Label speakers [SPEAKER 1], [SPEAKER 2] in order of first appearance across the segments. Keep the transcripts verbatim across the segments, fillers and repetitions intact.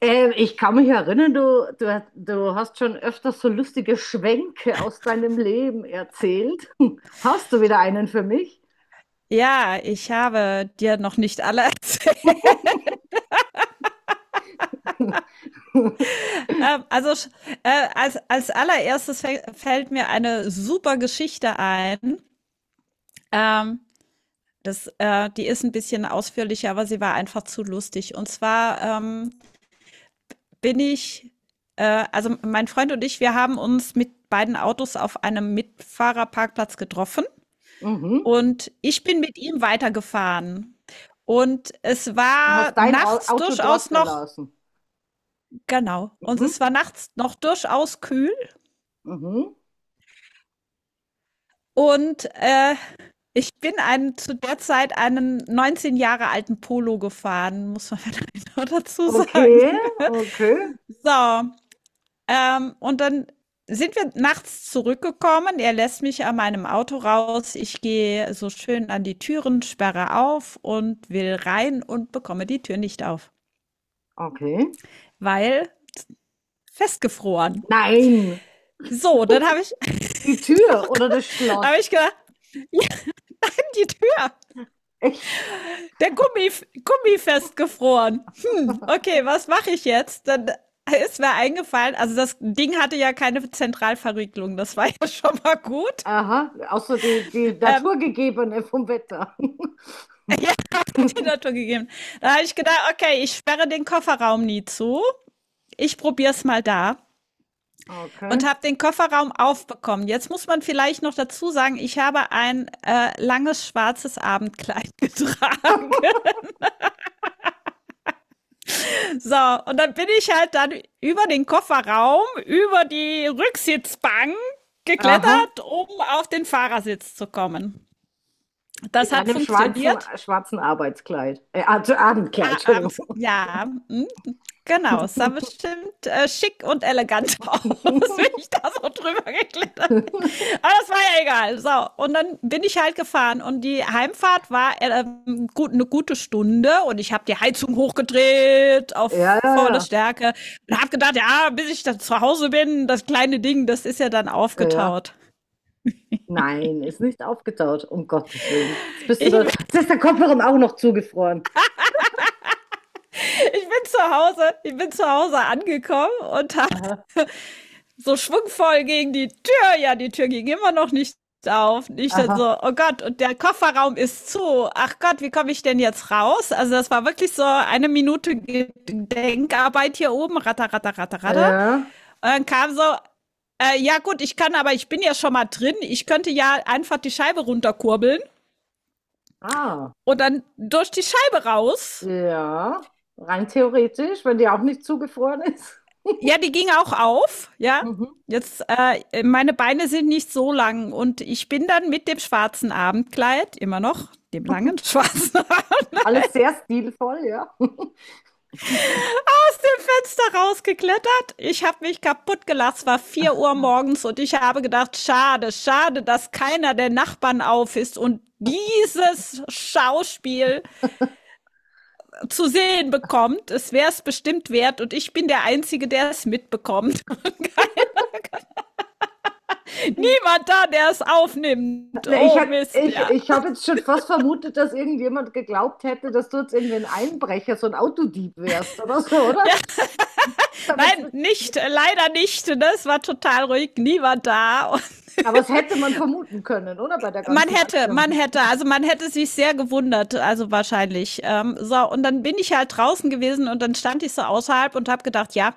[SPEAKER 1] Ähm, ich kann mich erinnern, du, du, du hast schon öfters so lustige Schwenke aus deinem Leben erzählt. Hast du wieder einen für mich?
[SPEAKER 2] Ja, ich habe dir noch nicht alle erzählt. Ähm, also sch- äh, als, als allererstes fäll- fällt mir eine super Geschichte ein. Ähm, das, äh, die ist ein bisschen ausführlicher, aber sie war einfach zu lustig. Und zwar ähm, bin ich, äh, also mein Freund und ich, wir haben uns mit beiden Autos auf einem Mitfahrerparkplatz getroffen
[SPEAKER 1] Mhm.
[SPEAKER 2] und ich bin mit ihm weitergefahren. Und es
[SPEAKER 1] Und
[SPEAKER 2] war
[SPEAKER 1] hast dein Au-
[SPEAKER 2] nachts
[SPEAKER 1] Auto dort
[SPEAKER 2] durchaus noch.
[SPEAKER 1] gelassen.
[SPEAKER 2] Genau. Und
[SPEAKER 1] Mhm.
[SPEAKER 2] es war nachts noch durchaus kühl
[SPEAKER 1] Mhm.
[SPEAKER 2] und, äh, ich bin einen zu der Zeit einen neunzehn Jahre alten Polo gefahren, muss man vielleicht noch dazu sagen.
[SPEAKER 1] Okay, okay,
[SPEAKER 2] So, ähm, und dann sind wir nachts zurückgekommen. Er lässt mich an meinem Auto raus. Ich gehe so schön an die Türen, sperre auf und will rein und bekomme die Tür nicht auf,
[SPEAKER 1] okay.
[SPEAKER 2] weil festgefroren.
[SPEAKER 1] Nein,
[SPEAKER 2] So, dann habe ich,
[SPEAKER 1] die Tür oder das
[SPEAKER 2] hab
[SPEAKER 1] Schloss.
[SPEAKER 2] ich gedacht, nimm die Tür.
[SPEAKER 1] Echt?
[SPEAKER 2] Der Gummi, Gummi festgefroren. Hm, okay, was mache ich jetzt? Dann ist mir eingefallen, also das Ding hatte ja keine Zentralverriegelung, das war ja schon mal gut.
[SPEAKER 1] Aha, außer die, die
[SPEAKER 2] Ähm,
[SPEAKER 1] naturgegebene vom Wetter.
[SPEAKER 2] die Natur gegeben. Da habe ich gedacht, okay, ich sperre den Kofferraum nie zu. Ich probiere es mal da
[SPEAKER 1] Okay.
[SPEAKER 2] und habe den Kofferraum aufbekommen. Jetzt muss man vielleicht noch dazu sagen, ich habe ein äh, langes schwarzes Abendkleid getragen. So, und dann bin ich halt dann über den Kofferraum, über die Rücksitzbank
[SPEAKER 1] Aha,
[SPEAKER 2] geklettert, um auf den Fahrersitz zu kommen.
[SPEAKER 1] in
[SPEAKER 2] Das hat
[SPEAKER 1] deinem schwarzen,
[SPEAKER 2] funktioniert.
[SPEAKER 1] schwarzen Arbeitskleid. Äh, Ab- Abendkleid,
[SPEAKER 2] Ah,
[SPEAKER 1] Entschuldigung.
[SPEAKER 2] abends, ja, mhm, genau. Es sah bestimmt äh, schick und elegant aus, wenn ich da so drüber geklettert bin.
[SPEAKER 1] Ja,
[SPEAKER 2] Aber das war ja egal. So, und dann bin ich halt gefahren und die Heimfahrt war äh, ähm, gut, eine gute Stunde und ich habe die Heizung hochgedreht auf
[SPEAKER 1] ja,
[SPEAKER 2] volle
[SPEAKER 1] ja,
[SPEAKER 2] Stärke und habe gedacht, ja, bis ich dann zu Hause bin, das kleine Ding, das ist ja dann
[SPEAKER 1] ja. ja.
[SPEAKER 2] aufgetaut.
[SPEAKER 1] Nein, ist nicht aufgetaut, um Gottes Willen. Jetzt bist du
[SPEAKER 2] Ich,
[SPEAKER 1] da.
[SPEAKER 2] bin-
[SPEAKER 1] Jetzt ist der Kofferraum auch noch zugefroren.
[SPEAKER 2] ich bin zu Hause, ich bin zu Hause angekommen und habe
[SPEAKER 1] Aha,
[SPEAKER 2] so schwungvoll gegen die Tür. Ja, die Tür ging immer noch nicht auf. Nicht dann
[SPEAKER 1] aha.
[SPEAKER 2] so, oh Gott, und der Kofferraum ist zu. Ach Gott, wie komme ich denn jetzt raus? Also das war wirklich so eine Minute Denkarbeit hier oben. Ratter, ratter, ratter, ratter.
[SPEAKER 1] Ja.
[SPEAKER 2] Und dann kam so, äh, ja gut, ich kann, aber ich bin ja schon mal drin. Ich könnte ja einfach die Scheibe runterkurbeln
[SPEAKER 1] Ah,
[SPEAKER 2] und dann durch die Scheibe raus.
[SPEAKER 1] ja. Rein theoretisch, wenn die auch nicht zugefroren ist.
[SPEAKER 2] Ja, die ging auch auf, ja.
[SPEAKER 1] Mhm.
[SPEAKER 2] Jetzt, äh, meine Beine sind nicht so lang und ich bin dann mit dem schwarzen Abendkleid, immer noch, dem langen schwarzen, aus
[SPEAKER 1] Alles sehr stilvoll, ja.
[SPEAKER 2] dem Fenster rausgeklettert. Ich habe mich kaputt gelassen, es war vier Uhr morgens und ich habe gedacht, schade, schade, dass keiner der Nachbarn auf ist und dieses Schauspiel zu sehen bekommt. Es wäre es bestimmt wert und ich bin der Einzige, der es mitbekommt. Niemand da, der es aufnimmt.
[SPEAKER 1] Na, Ich,
[SPEAKER 2] Oh
[SPEAKER 1] hätt-
[SPEAKER 2] Mist,
[SPEAKER 1] ich,
[SPEAKER 2] ja.
[SPEAKER 1] ich habe jetzt schon fast vermutet, dass irgendjemand geglaubt hätte, dass du jetzt irgendwie ein Einbrecher, so ein Autodieb wärst oder so, oder? Aber es
[SPEAKER 2] Nein, nicht, äh, leider nicht. Ne? Es war total ruhig, niemand da. Und
[SPEAKER 1] aber es hätte man vermuten können, oder? Bei der
[SPEAKER 2] man
[SPEAKER 1] ganzen
[SPEAKER 2] hätte, man
[SPEAKER 1] Aktion.
[SPEAKER 2] hätte, also man hätte sich sehr gewundert, also wahrscheinlich. Ähm, so, und dann bin ich halt draußen gewesen und dann stand ich so außerhalb und habe gedacht, ja,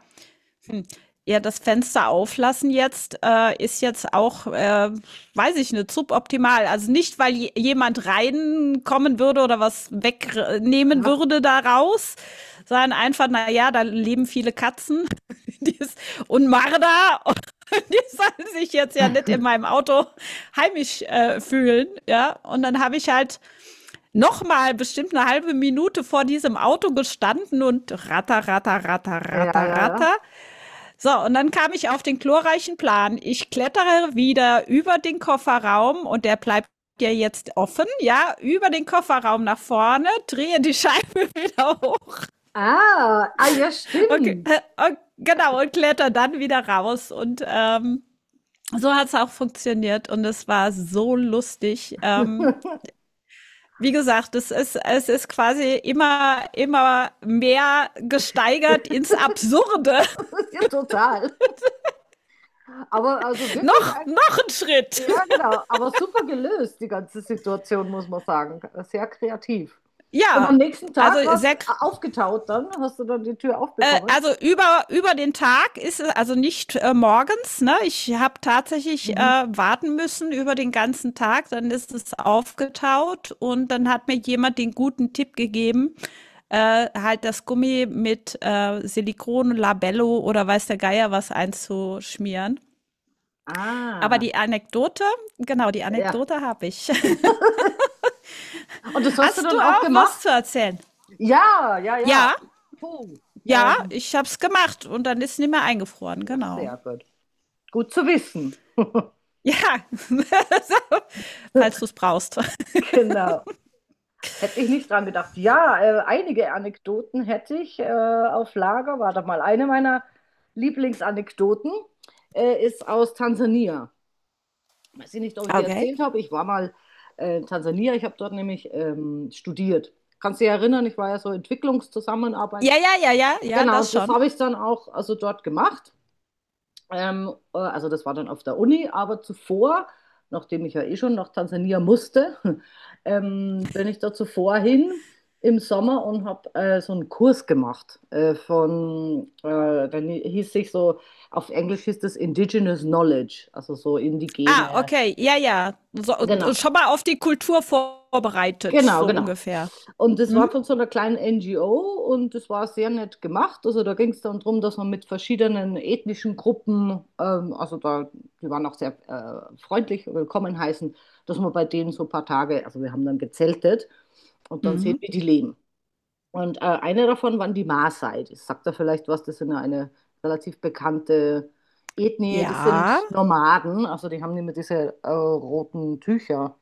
[SPEAKER 2] ja, das Fenster auflassen jetzt äh, ist jetzt auch, äh, weiß ich nicht, suboptimal. Also nicht, weil j- jemand reinkommen würde oder was wegnehmen
[SPEAKER 1] Ja,
[SPEAKER 2] würde daraus, sondern einfach, na ja, da leben viele Katzen die ist, und Marder und die sollen sich jetzt ja nicht in meinem Auto heimisch äh, fühlen. Ja, und dann habe ich halt noch mal bestimmt eine halbe Minute vor diesem Auto gestanden und ratter, ratter, ratter,
[SPEAKER 1] ja,
[SPEAKER 2] ratter,
[SPEAKER 1] ja. ja.
[SPEAKER 2] ratter. So, und dann kam ich auf den glorreichen Plan. Ich klettere wieder über den Kofferraum und der bleibt ja jetzt offen, ja, über den Kofferraum nach vorne, drehe die Scheibe wieder hoch.
[SPEAKER 1] Ah, ah, ja,
[SPEAKER 2] Okay,
[SPEAKER 1] stimmt.
[SPEAKER 2] äh, genau, und kletter dann wieder raus. Und ähm, so hat es auch funktioniert und es war so lustig. Ähm, wie gesagt, es ist, es ist quasi immer, immer mehr gesteigert ins Absurde.
[SPEAKER 1] Ja, total. Aber also wirklich,
[SPEAKER 2] noch,
[SPEAKER 1] ein-
[SPEAKER 2] noch ein Schritt.
[SPEAKER 1] ja, genau. Aber super gelöst, die ganze Situation, muss man sagen. Sehr kreativ. Und
[SPEAKER 2] Ja,
[SPEAKER 1] am nächsten
[SPEAKER 2] also
[SPEAKER 1] Tag war es
[SPEAKER 2] sehr.
[SPEAKER 1] aufgetaut dann? Hast du dann die Tür
[SPEAKER 2] Äh,
[SPEAKER 1] aufbekommen?
[SPEAKER 2] also über, über den Tag ist es also nicht äh, morgens. Ne? Ich habe tatsächlich
[SPEAKER 1] Mhm.
[SPEAKER 2] äh, warten müssen über den ganzen Tag. Dann ist es aufgetaut und dann hat mir jemand den guten Tipp gegeben, äh, halt das Gummi mit äh, Silikon, Labello oder weiß der Geier was einzuschmieren. Aber
[SPEAKER 1] Ah.
[SPEAKER 2] die Anekdote, genau, die
[SPEAKER 1] Ja.
[SPEAKER 2] Anekdote habe ich.
[SPEAKER 1] Und das hast du
[SPEAKER 2] Hast du
[SPEAKER 1] dann auch
[SPEAKER 2] auch was
[SPEAKER 1] gemacht?
[SPEAKER 2] zu erzählen?
[SPEAKER 1] Ja, ja, ja.
[SPEAKER 2] Ja,
[SPEAKER 1] Puh.
[SPEAKER 2] ja,
[SPEAKER 1] Ähm,
[SPEAKER 2] ich habe es gemacht und dann ist es nicht mehr eingefroren,
[SPEAKER 1] ja,
[SPEAKER 2] genau.
[SPEAKER 1] sehr gut. Gut zu wissen.
[SPEAKER 2] Ja, falls du es brauchst.
[SPEAKER 1] Genau. Hätte ich nicht dran gedacht. Ja, äh, einige Anekdoten hätte ich äh, auf Lager. Warte mal, eine meiner Lieblingsanekdoten äh, ist aus Tansania. Weiß ich nicht, ob ich dir
[SPEAKER 2] Okay.
[SPEAKER 1] erzählt habe. Ich war mal äh, in Tansania. Ich habe dort nämlich ähm, studiert. Kannst du dich erinnern, ich war ja so
[SPEAKER 2] Ja,
[SPEAKER 1] Entwicklungszusammenarbeits.
[SPEAKER 2] ja, ja, ja, ja,
[SPEAKER 1] Genau,
[SPEAKER 2] das
[SPEAKER 1] und das
[SPEAKER 2] schon.
[SPEAKER 1] habe ich dann auch also dort gemacht. Ähm, äh, also das war dann auf der Uni, aber zuvor, nachdem ich ja eh schon nach Tansania musste, ähm, bin ich da zuvor hin im Sommer und habe äh, so einen Kurs gemacht äh, von, äh, dann hieß sich so, auf Englisch hieß das Indigenous Knowledge, also so
[SPEAKER 2] Ah,
[SPEAKER 1] indigene,
[SPEAKER 2] okay, ja, ja. So,
[SPEAKER 1] genau.
[SPEAKER 2] schon mal auf die Kultur vorbereitet,
[SPEAKER 1] Genau,
[SPEAKER 2] so
[SPEAKER 1] genau.
[SPEAKER 2] ungefähr.
[SPEAKER 1] Und das war
[SPEAKER 2] Mhm.
[SPEAKER 1] von so einer kleinen N G O und das war sehr nett gemacht. Also da ging es dann darum, dass man mit verschiedenen ethnischen Gruppen, ähm, also da, die waren auch sehr äh, freundlich, willkommen heißen, dass man bei denen so ein paar Tage, also wir haben dann gezeltet und dann sehen,
[SPEAKER 2] Mhm.
[SPEAKER 1] wie die leben. Und äh, eine davon waren die Maasai. Das sagt da vielleicht was, das sind ja eine relativ bekannte Ethnie, das
[SPEAKER 2] Ja,
[SPEAKER 1] sind Nomaden, also die haben immer diese äh, roten Tücher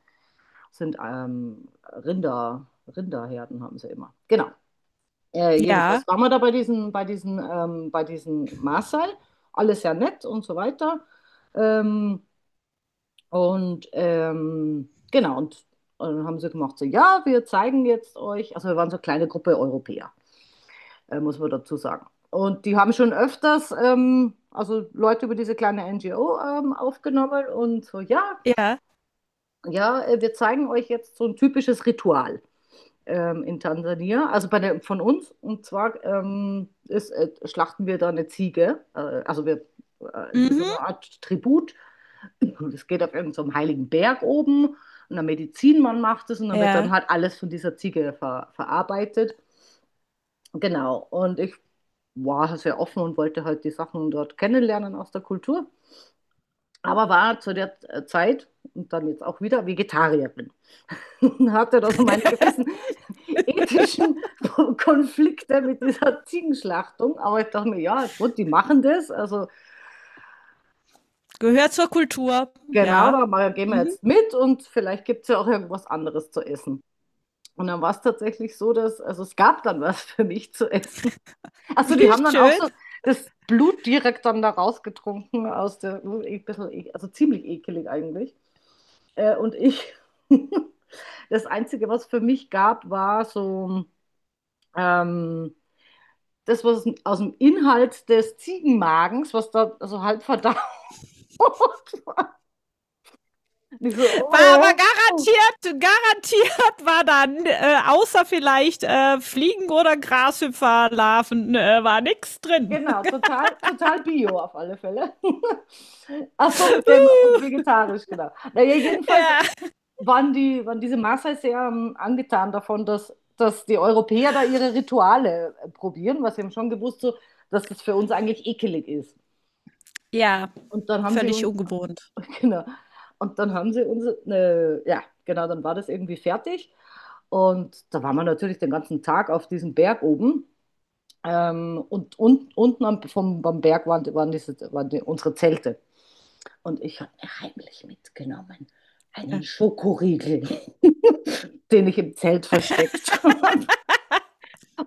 [SPEAKER 1] sind ähm, Rinder, Rinderherden haben sie immer. Genau. Äh,
[SPEAKER 2] ja,
[SPEAKER 1] jedenfalls waren wir da bei diesen, bei diesen, ähm, bei diesen Maasai. Alles ja nett und so weiter. Ähm, und ähm, genau, und, und dann haben sie gemacht, so, ja, wir zeigen jetzt euch, also wir waren so eine kleine Gruppe Europäer, äh, muss man dazu sagen. Und die haben schon öfters, ähm, also Leute über diese kleine N G O ähm, aufgenommen und so, ja,
[SPEAKER 2] ja.
[SPEAKER 1] ja, äh, wir zeigen euch jetzt so ein typisches Ritual. Ähm, in Tansania, also bei der, von uns. Und zwar ähm, ist, äh, schlachten wir da eine Ziege. Äh, also wir, äh, es ist so
[SPEAKER 2] Mhm.
[SPEAKER 1] eine Art Tribut. Das geht auf irgendeinem so einen heiligen Berg oben. Und der Medizinmann macht es und dann wird dann
[SPEAKER 2] Ja.
[SPEAKER 1] halt alles von dieser Ziege ver, verarbeitet. Genau. Und ich war halt sehr offen und wollte halt die Sachen dort kennenlernen aus der Kultur. Aber war zu der äh, Zeit und dann jetzt auch wieder Vegetarierin. Hatte also meine gewissen ethischen Konflikte mit dieser Ziegenschlachtung. Aber ich dachte mir, ja, gut, die machen das. Also
[SPEAKER 2] Gehört zur Kultur.
[SPEAKER 1] genau,
[SPEAKER 2] Ja.
[SPEAKER 1] da gehen wir
[SPEAKER 2] Mhm.
[SPEAKER 1] jetzt mit und vielleicht gibt es ja auch irgendwas anderes zu essen. Und dann war es tatsächlich so, dass, also es gab dann was für mich zu essen. Achso, die
[SPEAKER 2] Wie
[SPEAKER 1] haben dann auch
[SPEAKER 2] schön.
[SPEAKER 1] so das Blut direkt dann da rausgetrunken aus der, ein bisschen, ek- also ziemlich ekelig eigentlich. Äh, und ich, das Einzige, was für mich gab, war so ähm, das, was aus dem Inhalt des Ziegenmagens, was da so halb verdaut war. Und ich so,
[SPEAKER 2] War aber
[SPEAKER 1] oh.
[SPEAKER 2] garantiert, garantiert war dann, äh, außer vielleicht äh, Fliegen oder Grashüpferlarven, äh, war nix drin.
[SPEAKER 1] Genau, total, total Bio auf alle Fälle. Ach so, mit dem und
[SPEAKER 2] uh,
[SPEAKER 1] vegetarisch, genau. Naja, jedenfalls
[SPEAKER 2] ja.
[SPEAKER 1] waren, die, waren diese Maasai sehr ähm, angetan davon, dass, dass die Europäer da ihre Rituale äh, probieren, was wir haben schon gewusst, so, dass das für uns eigentlich ekelig ist.
[SPEAKER 2] Ja,
[SPEAKER 1] Und dann haben sie
[SPEAKER 2] völlig
[SPEAKER 1] uns,
[SPEAKER 2] ungewohnt.
[SPEAKER 1] genau, und dann haben sie uns, ne, ja, genau, dann war das irgendwie fertig. Und da waren wir natürlich den ganzen Tag auf diesem Berg oben. Ähm, und, und unten am, vom, am Berg waren, waren, diese, waren die unsere Zelte. Und ich habe mir heimlich mitgenommen
[SPEAKER 2] Ja.
[SPEAKER 1] einen Schokoriegel, den ich im Zelt versteckt. habe.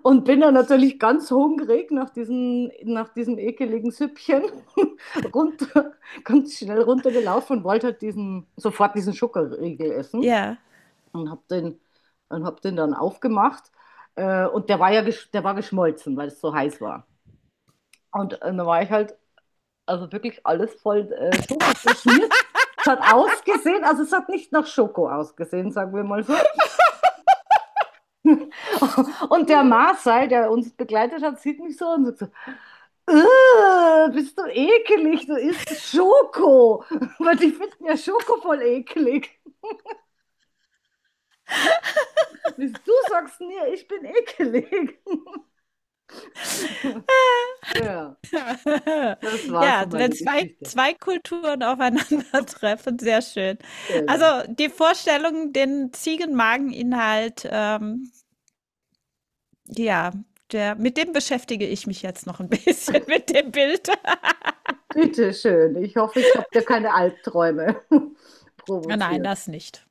[SPEAKER 1] Und bin dann natürlich ganz hungrig nach, diesem nach diesem ekeligen Süppchen runter, ganz schnell runtergelaufen und wollte halt diesen, sofort diesen Schokoriegel essen
[SPEAKER 2] Ja.
[SPEAKER 1] und habe den, und hab den dann aufgemacht. Äh, und der war ja gesch- der war geschmolzen, weil es so heiß war. Und äh, dann war ich halt, also wirklich alles voll äh, Schoko verschmiert. Es hat ausgesehen, also es hat nicht nach Schoko ausgesehen, sagen wir mal so. Und der Marcel, der uns begleitet hat, sieht mich so und sagt so, äh, bist du ekelig, du isst Schoko. Weil die finden ja Schoko voll ekelig. Bis du sagst mir, ich bin ekelig. Ja, das war so
[SPEAKER 2] Ja, wenn
[SPEAKER 1] meine
[SPEAKER 2] zwei
[SPEAKER 1] Geschichte.
[SPEAKER 2] zwei Kulturen aufeinandertreffen, sehr schön. Also,
[SPEAKER 1] Genau.
[SPEAKER 2] die Vorstellung, den Ziegenmageninhalt, ähm, ja, der mit dem beschäftige ich mich jetzt noch ein bisschen mit dem Bild.
[SPEAKER 1] Bitte schön. Ich hoffe, ich habe dir keine Albträume
[SPEAKER 2] Nein,
[SPEAKER 1] provoziert.
[SPEAKER 2] das nicht.